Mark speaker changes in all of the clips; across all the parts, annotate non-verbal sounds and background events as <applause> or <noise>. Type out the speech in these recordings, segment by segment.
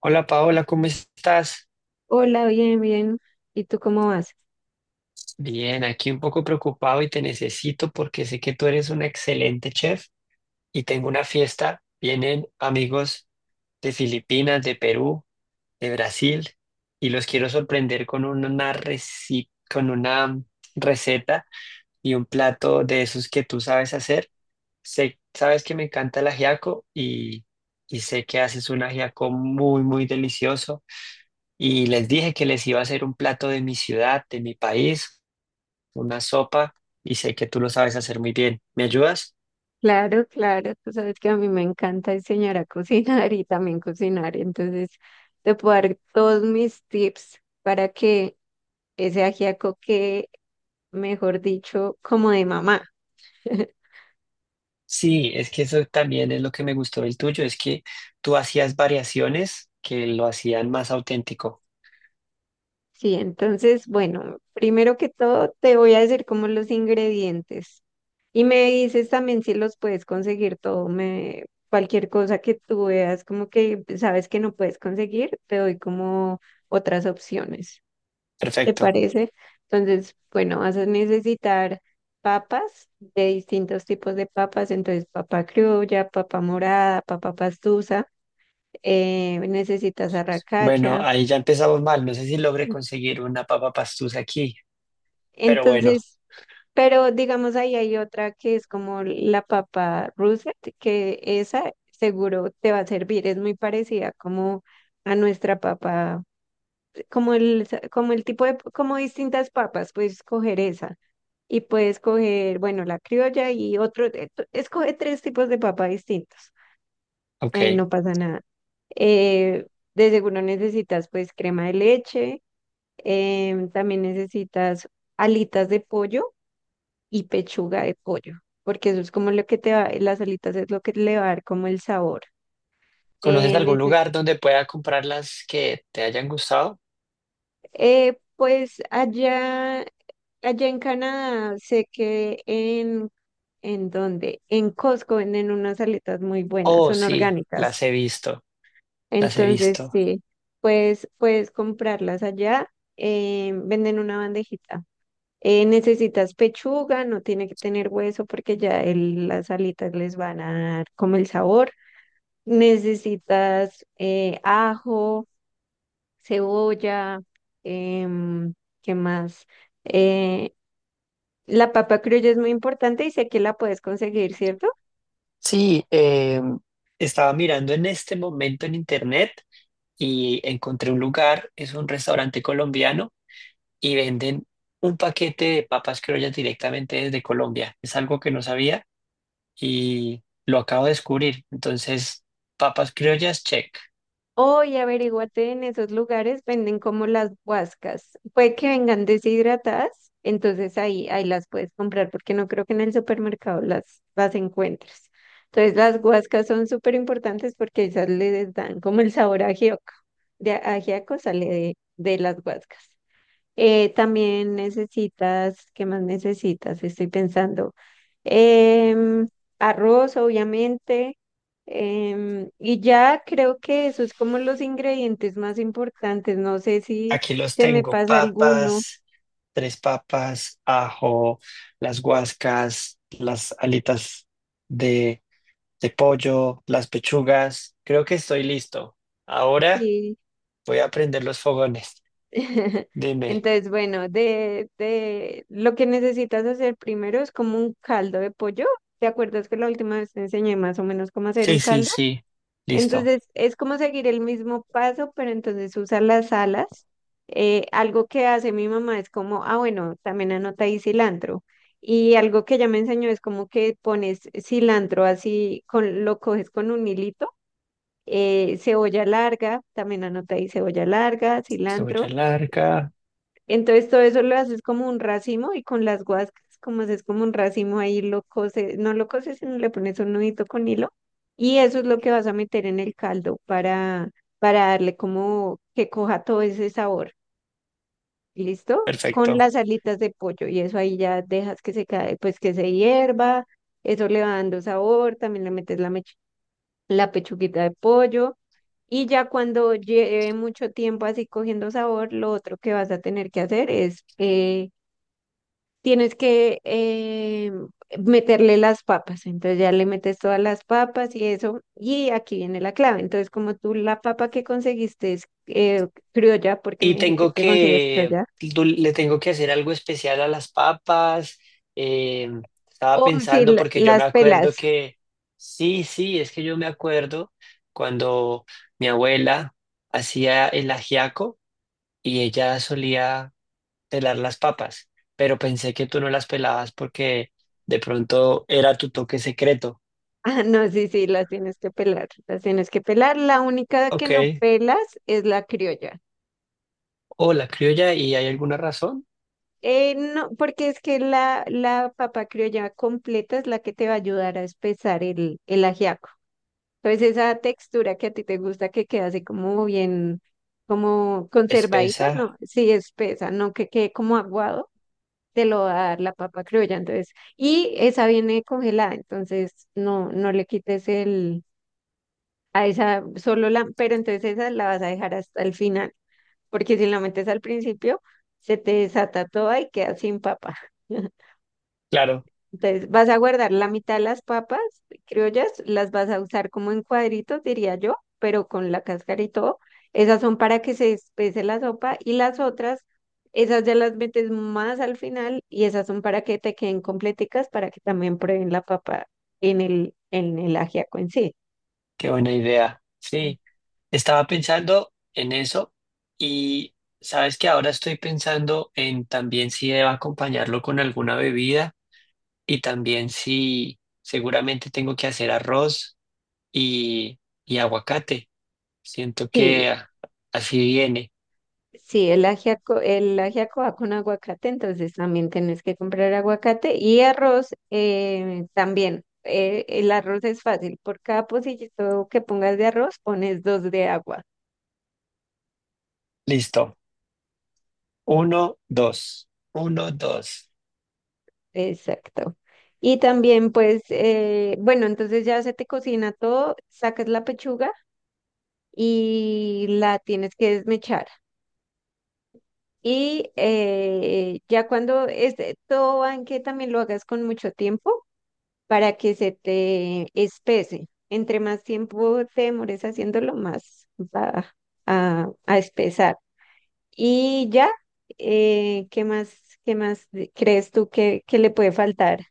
Speaker 1: Hola Paola, ¿cómo estás?
Speaker 2: Hola, bien, bien. ¿Y tú cómo vas?
Speaker 1: Bien, aquí un poco preocupado y te necesito porque sé que tú eres una excelente chef y tengo una fiesta. Vienen amigos de Filipinas, de Perú, de Brasil y los quiero sorprender con con una receta y un plato de esos que tú sabes hacer. Sé, sabes que me encanta el ajiaco y sé que haces un ajiaco muy, muy delicioso. Y les dije que les iba a hacer un plato de mi ciudad, de mi país, una sopa, y sé que tú lo sabes hacer muy bien. ¿Me ayudas?
Speaker 2: Claro, claro. Tú sabes que a mí me encanta enseñar a cocinar y también cocinar. Entonces, te puedo dar todos mis tips para que ese ajiaco quede, mejor dicho, como de mamá. <laughs>
Speaker 1: Sí, es que eso también es lo que me gustó del tuyo, es que tú hacías variaciones que lo hacían más auténtico.
Speaker 2: Sí, entonces, bueno, primero que todo te voy a decir como los ingredientes. Y me dices también si los puedes conseguir todo, cualquier cosa que tú veas, como que sabes que no puedes conseguir, te doy como otras opciones, ¿te
Speaker 1: Perfecto.
Speaker 2: parece? Entonces, bueno, vas a necesitar papas de distintos tipos de papas, entonces papa criolla, papa morada, papa pastusa, necesitas
Speaker 1: Bueno,
Speaker 2: arracacha.
Speaker 1: ahí ya empezamos mal. No sé si logré conseguir una papa pastusa aquí, pero bueno,
Speaker 2: Entonces, pero digamos ahí hay otra que es como la papa russet que esa seguro te va a servir, es muy parecida como a nuestra papa, como como el tipo de, como distintas papas, puedes escoger esa y puedes coger, bueno, la criolla y otro, escoge tres tipos de papa distintos, ahí
Speaker 1: ok.
Speaker 2: no pasa nada. Eh, de seguro necesitas pues crema de leche, también necesitas alitas de pollo y pechuga de pollo, porque eso es como lo que te va, las alitas es lo que le va a dar como el sabor.
Speaker 1: ¿Conoces
Speaker 2: Eh,
Speaker 1: algún
Speaker 2: neces-
Speaker 1: lugar donde pueda comprar las que te hayan gustado?
Speaker 2: pues allá, allá en Canadá, sé que ¿en dónde? En Costco venden unas alitas muy buenas,
Speaker 1: Oh,
Speaker 2: son
Speaker 1: sí, las
Speaker 2: orgánicas.
Speaker 1: he visto, las he
Speaker 2: Entonces,
Speaker 1: visto.
Speaker 2: sí, pues puedes comprarlas allá, venden una bandejita. Necesitas pechuga, no tiene que tener hueso porque ya las alitas les van a dar como el sabor. Necesitas ajo, cebolla, em, ¿qué más? Eh, la papa criolla es muy importante y sé que la puedes conseguir, ¿cierto?
Speaker 1: Sí, estaba mirando en este momento en internet y encontré un lugar, es un restaurante colombiano y venden un paquete de papas criollas directamente desde Colombia. Es algo que no sabía y lo acabo de descubrir. Entonces, papas criollas, check.
Speaker 2: O y averíguate en esos lugares, venden como las guascas. Puede que vengan deshidratadas, entonces ahí las puedes comprar porque no creo que en el supermercado las encuentres. Entonces las guascas son súper importantes porque esas les dan como el sabor a ajíaco. De ajíaco sale de las guascas. También necesitas, ¿qué más necesitas? Estoy pensando. em, arroz, obviamente. Y ya creo que eso es como los ingredientes más importantes. No sé si
Speaker 1: Aquí los
Speaker 2: se me
Speaker 1: tengo,
Speaker 2: pasa alguno.
Speaker 1: papas, tres papas, ajo, las guascas, las alitas de pollo, las pechugas. Creo que estoy listo. Ahora
Speaker 2: Sí.
Speaker 1: voy a prender los fogones.
Speaker 2: <laughs>
Speaker 1: Dime.
Speaker 2: Entonces, bueno, de lo que necesitas hacer primero es como un caldo de pollo. ¿Te acuerdas que la última vez te enseñé más o menos cómo hacer un
Speaker 1: Sí, sí,
Speaker 2: caldo?
Speaker 1: sí. Listo.
Speaker 2: Entonces es como seguir el mismo paso, pero entonces usa las alas. Algo que hace mi mamá es como, ah, bueno, también anota ahí cilantro. Y algo que ella me enseñó es como que pones cilantro así, con, lo coges con un hilito, cebolla larga, también anota ahí cebolla larga,
Speaker 1: Cebolla
Speaker 2: cilantro.
Speaker 1: larga.
Speaker 2: Entonces todo eso lo haces como un racimo y con las guascas, como haces como un racimo ahí lo cose, no lo coses, sino le pones un nudito con hilo y eso es lo que vas a meter en el caldo para darle como que coja todo ese sabor. ¿Listo? Con
Speaker 1: Perfecto.
Speaker 2: las alitas de pollo y eso ahí ya dejas que se cae, pues que se hierva, eso le va dando sabor, también le metes la pechuguita de pollo. Y ya cuando lleve mucho tiempo así cogiendo sabor, lo otro que vas a tener que hacer es tienes que meterle las papas. Entonces ya le metes todas las papas y eso. Y aquí viene la clave. Entonces, como tú la papa que conseguiste es criolla, porque
Speaker 1: Y
Speaker 2: me dijiste
Speaker 1: tengo
Speaker 2: que consigues
Speaker 1: que,
Speaker 2: criolla,
Speaker 1: le tengo que hacer algo especial a las papas. eh, Estaba
Speaker 2: o si
Speaker 1: pensando porque yo me
Speaker 2: las pelas.
Speaker 1: acuerdo
Speaker 2: <laughs>
Speaker 1: que, sí, sí, es que yo me acuerdo cuando mi abuela hacía el ajiaco y ella solía pelar las papas, pero pensé que tú no las pelabas porque de pronto era tu toque secreto.
Speaker 2: Ah, no, sí, sí, las tienes que pelar, las tienes que pelar. La única que
Speaker 1: Ok.
Speaker 2: no pelas es la criolla.
Speaker 1: O la criolla, y hay alguna razón.
Speaker 2: No, porque es que la papa criolla completa es la que te va a ayudar a espesar el ajiaco. Entonces esa textura que a ti te gusta que queda así como bien, como conservadito,
Speaker 1: Espesa.
Speaker 2: no, sí espesa, no que quede como aguado, te lo va a dar la papa criolla, entonces, y esa viene congelada, entonces no le quites el, a esa solo la, pero entonces esa la vas a dejar hasta el final, porque si la metes al principio, se te desata toda y queda sin papa. <laughs>
Speaker 1: Claro,
Speaker 2: Entonces, vas a guardar la mitad de las papas criollas, las vas a usar como en cuadritos, diría yo, pero con la cáscara y todo. Esas son para que se espese la sopa y las otras, esas ya las metes más al final y esas son para que te queden completicas, para que también prueben la papa en en el ajiaco en sí.
Speaker 1: qué buena idea. Sí, estaba pensando en eso y sabes que ahora estoy pensando en también si debo acompañarlo con alguna bebida y también si seguramente tengo que hacer arroz y aguacate. Siento que
Speaker 2: Sí,
Speaker 1: así viene.
Speaker 2: sí, el ajiaco va con aguacate, entonces también tenés que comprar aguacate y arroz también. El arroz es fácil, por cada pocillito que pongas de arroz pones dos de agua.
Speaker 1: Listo. Uno, dos. Uno, dos.
Speaker 2: Exacto. Y también pues, bueno, entonces ya se te cocina todo, sacas la pechuga y la tienes que desmechar. Y ya cuando este, todo va en que también lo hagas con mucho tiempo para que se te espese. Entre más tiempo te demores haciéndolo, más va a espesar. Y ya, eh, ¿qué más, qué más crees tú que le puede faltar?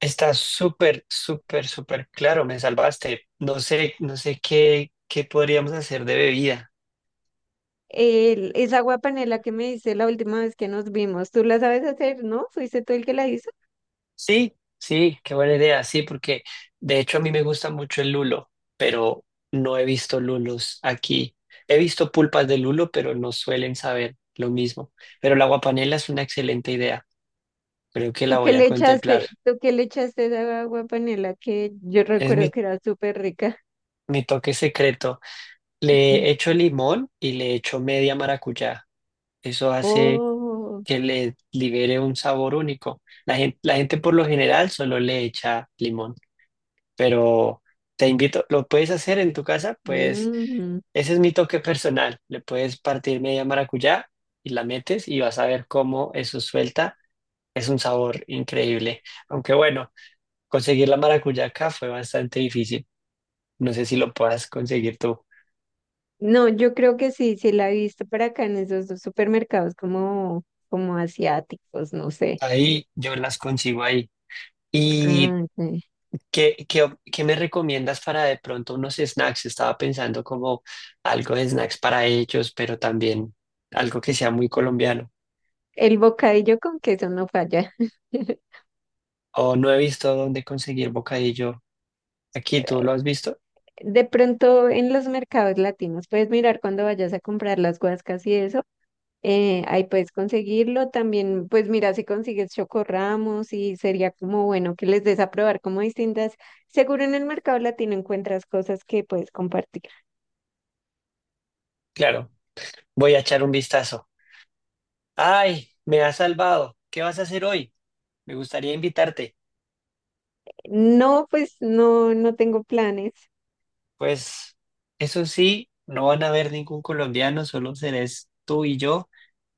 Speaker 1: Está súper, súper, súper claro. Me salvaste. No sé, no sé qué, qué podríamos hacer de bebida.
Speaker 2: El, esa agua panela que me hice la última vez que nos vimos, ¿tú la sabes hacer, no? ¿Fuiste tú el que la hizo?
Speaker 1: Sí, sí, qué buena idea. Sí, porque de hecho a mí me gusta mucho el lulo, pero no he visto lulos aquí. He visto pulpas de lulo, pero no suelen saber lo mismo. Pero la guapanela es una excelente idea. Creo que la
Speaker 2: ¿Tú qué
Speaker 1: voy a
Speaker 2: le
Speaker 1: contemplar.
Speaker 2: echaste, tú qué le echaste a esa agua panela que yo
Speaker 1: Es
Speaker 2: recuerdo que era súper rica?
Speaker 1: mi toque secreto. Le
Speaker 2: <laughs>
Speaker 1: echo limón y le echo media maracuyá. Eso hace
Speaker 2: Oh,
Speaker 1: que le libere un sabor único. La gente por lo general solo le echa limón, pero te invito, lo puedes hacer en tu casa, pues
Speaker 2: mm.
Speaker 1: ese es mi toque personal. Le puedes partir media maracuyá y la metes y vas a ver cómo eso suelta. Es un sabor increíble. Aunque bueno, conseguir la maracuyá acá fue bastante difícil. No sé si lo puedas conseguir tú.
Speaker 2: No, yo creo que sí, sí la he visto para acá en esos dos supermercados como, como asiáticos, no sé.
Speaker 1: Ahí yo las consigo ahí. Y
Speaker 2: Ah, ok.
Speaker 1: ¿qué, qué, qué me recomiendas para de pronto unos snacks? Estaba pensando como algo de snacks para ellos, pero también algo que sea muy colombiano.
Speaker 2: El bocadillo con queso no falla. <laughs>
Speaker 1: O no he visto dónde conseguir bocadillo. Aquí, ¿tú lo has visto?
Speaker 2: De pronto en los mercados latinos puedes mirar cuando vayas a comprar las guascas y eso, ahí puedes conseguirlo. También, pues mira si consigues chocorramos y sería como bueno que les des a probar como distintas. Seguro en el mercado latino encuentras cosas que puedes compartir.
Speaker 1: Claro, voy a echar un vistazo. ¡Ay, me has salvado! ¿Qué vas a hacer hoy? Me gustaría invitarte.
Speaker 2: No, pues no, no tengo planes.
Speaker 1: Pues eso sí, no van a ver ningún colombiano, solo serás tú y yo.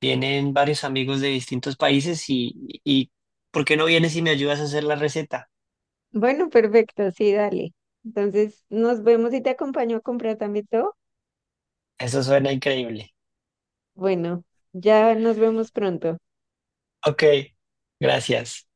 Speaker 1: Vienen varios amigos de distintos países y ¿por qué no vienes y me ayudas a hacer la receta?
Speaker 2: Bueno, perfecto, sí, dale. Entonces, nos vemos y te acompaño a comprar también todo.
Speaker 1: Eso suena increíble.
Speaker 2: Bueno, ya nos vemos pronto.
Speaker 1: Ok, gracias.